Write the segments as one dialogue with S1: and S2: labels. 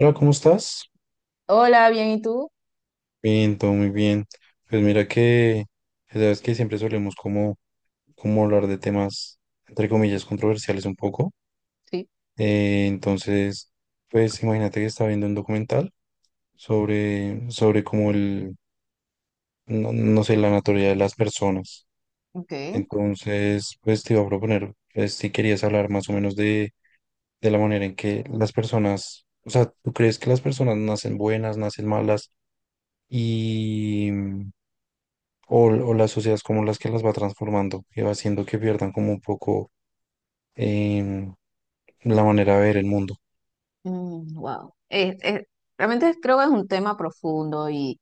S1: Hola, ¿cómo estás?
S2: Hola, bien, ¿y tú?
S1: Bien, todo muy bien. Pues mira que, pues, ya sabes que siempre solemos como hablar de temas, entre comillas, controversiales un poco.
S2: Sí.
S1: Entonces, pues imagínate que estaba viendo un documental sobre no, no sé, la naturaleza de las personas.
S2: Ok.
S1: Entonces, pues te iba a proponer, pues si querías hablar más o menos de la manera en que las personas, o sea, ¿tú crees que las personas nacen buenas, nacen malas? Y o las sociedades como las que las va transformando y va haciendo que pierdan como un poco em, la manera de ver el mundo.
S2: Wow. Realmente creo que es un tema profundo y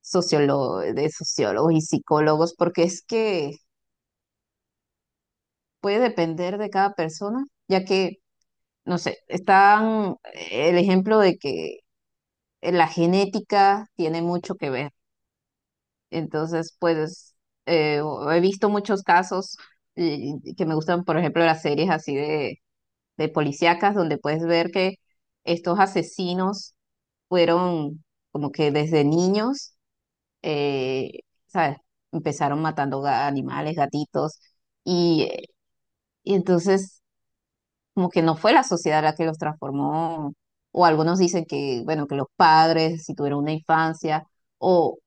S2: sociólogo, de sociólogos y psicólogos, porque es que puede depender de cada persona, ya que, no sé, están el ejemplo de que la genética tiene mucho que ver. Entonces, pues, eh, he visto muchos casos, eh, que me gustan, por ejemplo, las series así de policíacas, donde puedes ver que estos asesinos fueron como que desde niños, eh, ¿sabes? Empezaron matando animales, gatitos, y y entonces como que no fue la sociedad la que los transformó, o algunos dicen que, bueno, que los padres, si tuvieron una infancia, o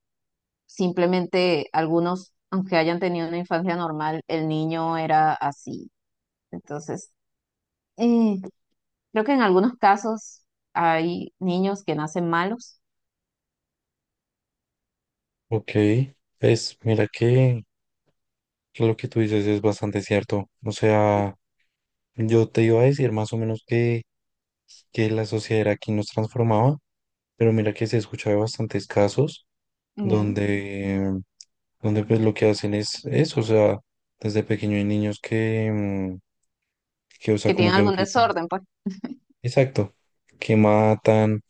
S2: simplemente algunos, aunque hayan tenido una infancia normal, el niño era así. Entonces, eh, creo que en algunos casos hay niños que nacen malos.
S1: Ok, pues mira que lo que tú dices es bastante cierto. O sea, yo te iba a decir más o menos que la sociedad era quien nos transformaba, pero mira que se escucha de bastantes casos
S2: Ujú,
S1: donde, donde pues lo que hacen es eso, o sea, desde pequeño hay niños que, o sea,
S2: que
S1: como
S2: tienen
S1: que
S2: algún
S1: empiezan.
S2: desorden, pues.
S1: Exacto, que matan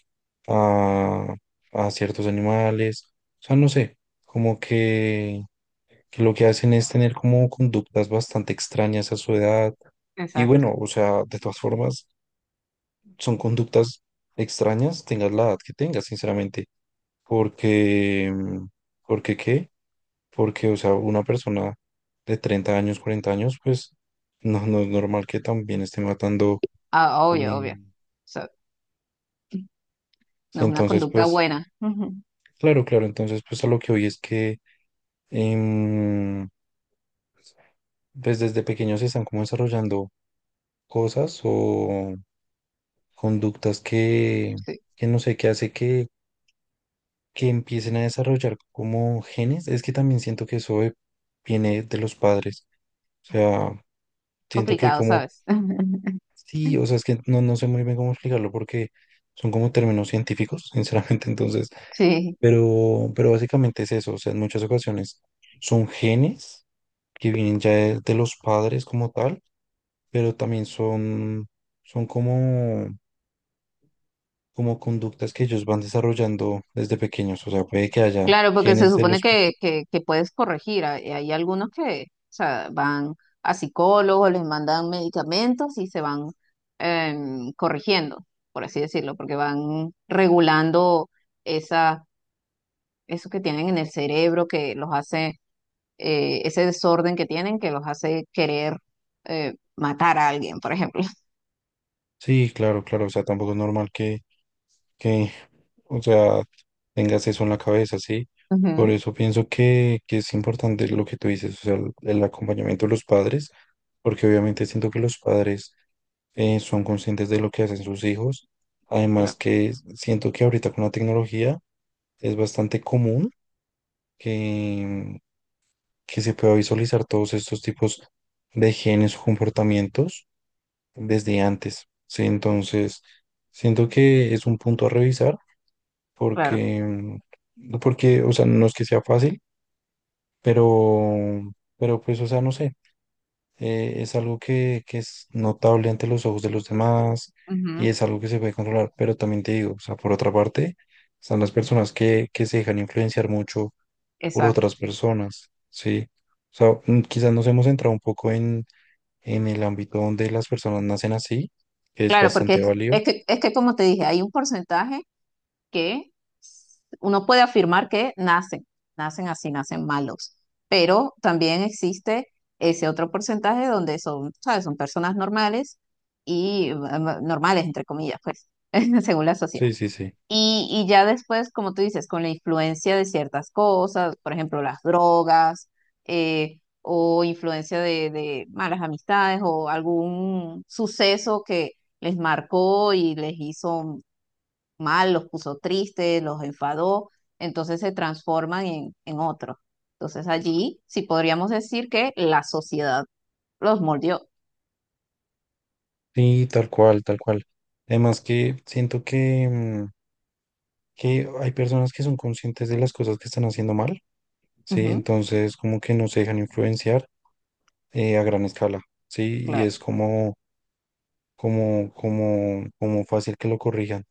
S1: a, a ciertos animales. O sea, no sé, como que lo que hacen es tener como conductas bastante extrañas a su edad. Y
S2: Exacto.
S1: bueno, o sea, de todas formas, son conductas extrañas, tengas la edad que tengas, sinceramente. Porque, mm, ¿Porque qué? Porque, o sea, una persona de 30 años, 40 años, pues no es normal que también esté matando.
S2: Ah, obvio,
S1: eh,
S2: obvio. O sea, no es una
S1: entonces,
S2: conducta
S1: pues,
S2: buena. Ujú.
S1: claro, claro, entonces, pues a lo que hoy es que em, pues desde pequeños se están como desarrollando cosas o conductas
S2: Sí,
S1: que no sé, qué hace que empiecen a desarrollar como genes. Es que también siento que eso viene de los padres. O sea, siento que
S2: complicado,
S1: como,
S2: ¿sabes?
S1: sí, o sea, es que no sé muy bien cómo explicarlo porque son como términos científicos, sinceramente, entonces,
S2: Sí,
S1: pero básicamente es eso, o sea, en muchas ocasiones son genes que vienen ya de los padres como tal, pero también son como conductas que ellos van desarrollando desde pequeños. O sea, puede que haya
S2: claro, porque se
S1: genes de
S2: supone
S1: los...
S2: que, que puedes corregir. Hay algunos que, o sea, van a psicólogos, les mandan medicamentos y se van corrigiendo, por así decirlo, porque van regulando esas, eso que tienen en el cerebro que los hace, ese desorden que tienen que los hace querer, matar a alguien, por ejemplo.
S1: Sí, claro, claro. O sea, tampoco es normal que o sea, tengas eso en la cabeza, ¿sí?
S2: Ujú.
S1: Por eso pienso que es importante lo que tú dices, o sea, el acompañamiento de los padres, porque obviamente siento que los padres son conscientes de lo que hacen sus hijos. Además
S2: Claro,
S1: que siento que ahorita con la tecnología es bastante común que, que se pueda visualizar todos estos tipos de genes o comportamientos desde antes, ¿sí? Entonces, siento que es un punto a revisar
S2: claro.
S1: porque, mm, porque, o sea, no es que sea fácil, pero, pero pues, o sea, no sé, es algo que es notable ante los ojos de los demás, y
S2: Ujú.
S1: es algo que se puede controlar, pero también te digo, o sea, por otra parte, están las personas que se dejan influenciar mucho por
S2: Exacto.
S1: otras personas, ¿sí? O sea, quizás nos hemos entrado un poco en el ámbito donde las personas nacen así, que es
S2: Claro, porque
S1: bastante válido.
S2: es que como te dije, hay un porcentaje que uno puede afirmar que nacen, nacen así, nacen malos, pero también existe ese otro porcentaje donde son, ¿sabes? Son personas normales y normales, entre comillas, pues, según la sociedad.
S1: Sí, sí, sí.
S2: Y ya después, como tú dices, con la influencia de ciertas cosas, por ejemplo, las drogas, o influencia de malas amistades, o algún suceso que les marcó y les hizo mal, los puso tristes, los enfadó, entonces se transforman en otros. Entonces allí sí podríamos decir que la sociedad los moldeó.
S1: Sí, tal cual, tal cual. Además que siento que hay personas que son conscientes de las cosas que están haciendo mal, ¿sí?
S2: Ujú,
S1: Entonces, como que no se dejan influenciar a gran escala, ¿sí? Y
S2: claro,
S1: es como, como fácil que lo corrijan.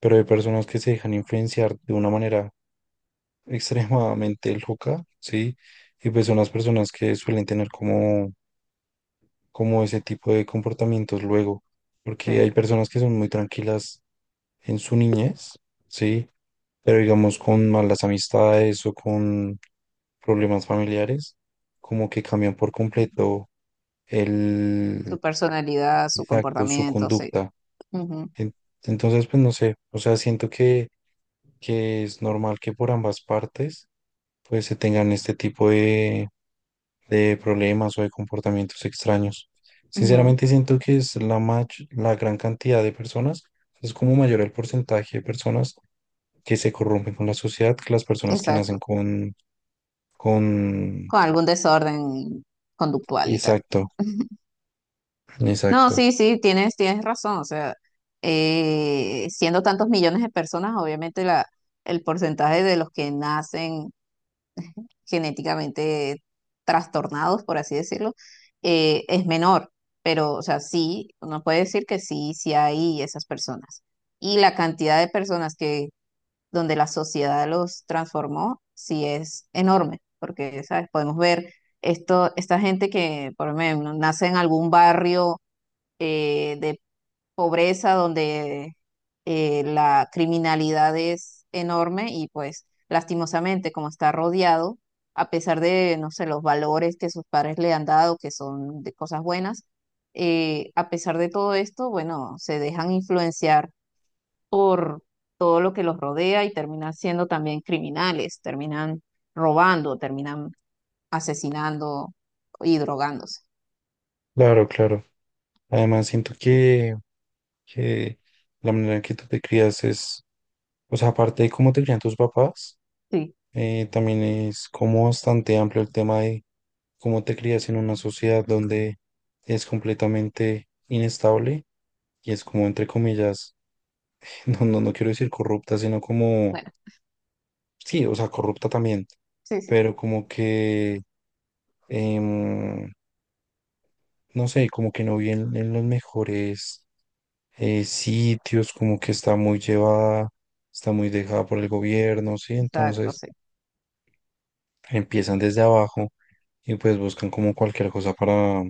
S1: Pero hay personas que se dejan influenciar de una manera extremadamente loca, ¿sí? Y pues son las personas que suelen tener como ese tipo de comportamientos luego, porque hay
S2: sí.
S1: personas que son muy tranquilas en su niñez, ¿sí? Pero digamos con malas amistades o con problemas familiares, como que cambian por completo el,
S2: Su personalidad, su
S1: exacto, su
S2: comportamiento, sí.
S1: conducta.
S2: Ujú,
S1: En- Entonces, pues no sé, o sea, siento que es normal que por ambas partes, pues se tengan este tipo de problemas o de comportamientos extraños.
S2: ujú.
S1: Sinceramente siento que es la gran cantidad de personas, es como mayor el porcentaje de personas que se corrompen con la sociedad que las personas que nacen
S2: Exacto.
S1: con...
S2: Con algún desorden conductual y tal.
S1: Exacto,
S2: No,
S1: exacto.
S2: sí, sí, tienes, tienes razón. O sea, siendo tantos millones de personas, obviamente la, el porcentaje de los que nacen genéticamente trastornados, por así decirlo, es menor. Pero, o sea, sí, uno puede decir que sí, sí hay esas personas. Y la cantidad de personas que donde la sociedad los transformó, sí es enorme, porque, ¿sabes? Podemos ver esto, esta gente que, por lo menos, nace en algún barrio, de pobreza donde, la criminalidad es enorme y pues lastimosamente como está rodeado, a pesar de, no sé, los valores que sus padres le han dado, que son de cosas buenas, a pesar de todo esto, bueno, se dejan influenciar por todo lo que los rodea y terminan siendo también criminales, terminan robando, terminan asesinando y drogándose.
S1: Claro, claro. Además siento que la manera en que tú te crías es, o sea, aparte de cómo te crían tus papás,
S2: Sí,
S1: también es como bastante amplio el tema de cómo te crías en una sociedad donde es completamente inestable y es como, entre comillas, no quiero decir corrupta, sino como,
S2: bueno,
S1: sí, o sea, corrupta también,
S2: sí, sí,
S1: pero como que, em, no sé, como que no viene en los mejores sitios, como que está muy llevada, está muy dejada por el gobierno, ¿sí?
S2: exacto,
S1: Entonces
S2: sí.
S1: empiezan desde abajo y pues buscan como cualquier cosa para,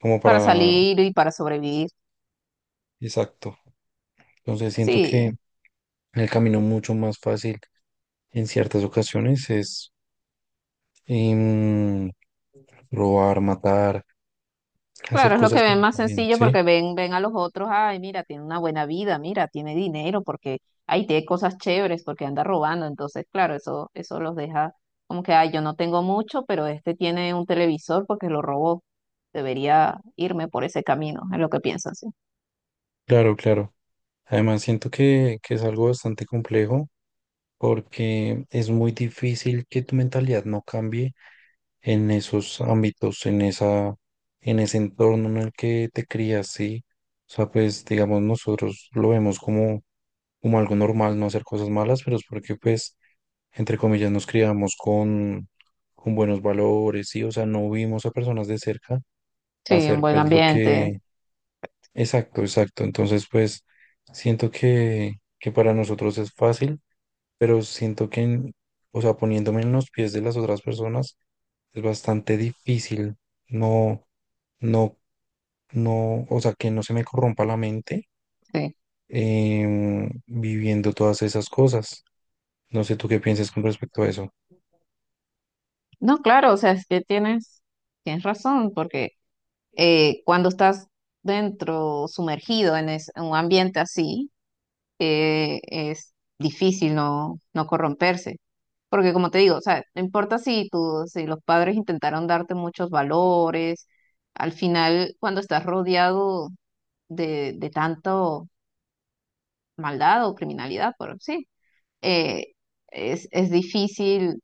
S1: como
S2: Para
S1: para,
S2: salir y para sobrevivir.
S1: exacto. Entonces siento que
S2: Sí.
S1: el camino mucho más fácil en ciertas ocasiones es em, robar, matar, hacer
S2: Claro, es lo
S1: cosas
S2: que
S1: que no
S2: ven más
S1: están bien,
S2: sencillo
S1: ¿sí?
S2: porque ven, ven a los otros, ay, mira, tiene una buena vida, mira, tiene dinero, porque, ay, tiene cosas chéveres, porque anda robando. Entonces, claro, eso los deja como que, ay, yo no tengo mucho, pero este tiene un televisor porque lo robó. Debería irme por ese camino, es lo que piensan, sí.
S1: Claro, claro. Además, siento que es algo bastante complejo porque es muy difícil que tu mentalidad no cambie en esos ámbitos, en ese entorno en el que te crías, ¿sí? O sea, pues, digamos, nosotros lo vemos como algo normal no hacer cosas malas, pero es porque, pues, entre comillas, nos criamos con buenos valores, ¿sí? O sea, no vimos a personas de cerca
S2: Sí, en
S1: hacer
S2: buen
S1: pues lo
S2: ambiente,
S1: que... Exacto, exacto. Entonces, pues siento que para nosotros es fácil, pero siento o sea, poniéndome en los pies de las otras personas, es bastante difícil. No, no, no, o sea, que no se me corrompa la mente
S2: sí.
S1: viviendo todas esas cosas. No sé tú qué piensas con respecto a eso.
S2: No, claro, o sea, es que tienes, tienes razón, porque cuando estás dentro, sumergido en, en un ambiente así, es difícil no, no corromperse. Porque como te digo, o sea, no importa si tú, si los padres intentaron darte muchos valores, al final cuando estás rodeado de tanto maldad o criminalidad, por sí, eh, es difícil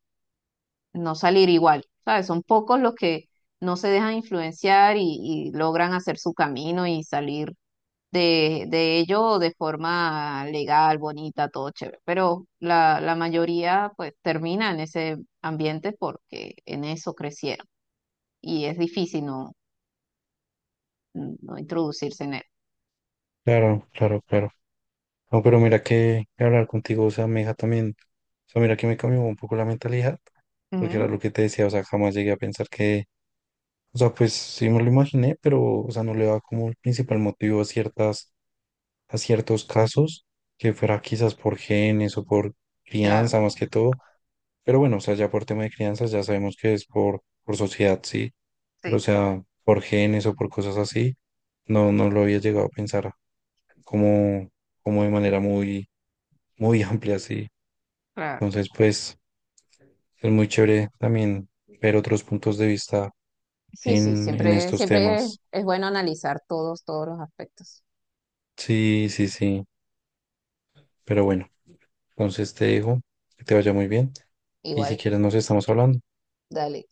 S2: no salir igual. ¿Sabes? Son pocos los que no se dejan influenciar y logran hacer su camino y salir de ello de forma legal, bonita, todo chévere. Pero la mayoría pues termina en ese ambiente porque en eso crecieron y es difícil no, no introducirse en él.
S1: Claro, claro, claro. No, pero mira que hablar contigo, o sea, me deja también, o sea, mira que me cambió un poco la mentalidad, porque era
S2: Ujú,
S1: lo que te decía, o sea, jamás llegué a pensar que, o sea, pues sí me lo imaginé, pero, o sea, no le daba como el principal motivo a ciertas, a ciertos casos, que fuera quizás por genes o por
S2: claro,
S1: crianza más que todo, pero bueno, o sea, ya por tema de crianza ya sabemos que es por sociedad, sí, pero o
S2: sí,
S1: sea, por genes o por cosas así, no lo había llegado a pensar como, como de manera muy, muy amplia, sí.
S2: claro.
S1: Entonces, pues es muy chévere también ver otros puntos de vista
S2: Sí, sí,
S1: en
S2: siempre,
S1: estos
S2: siempre
S1: temas.
S2: es bueno analizar todos, todos los aspectos.
S1: Sí, sí, sí. Pero bueno, entonces te dejo, que te vaya muy bien y si
S2: Igual,
S1: quieres nos estamos hablando.
S2: dale.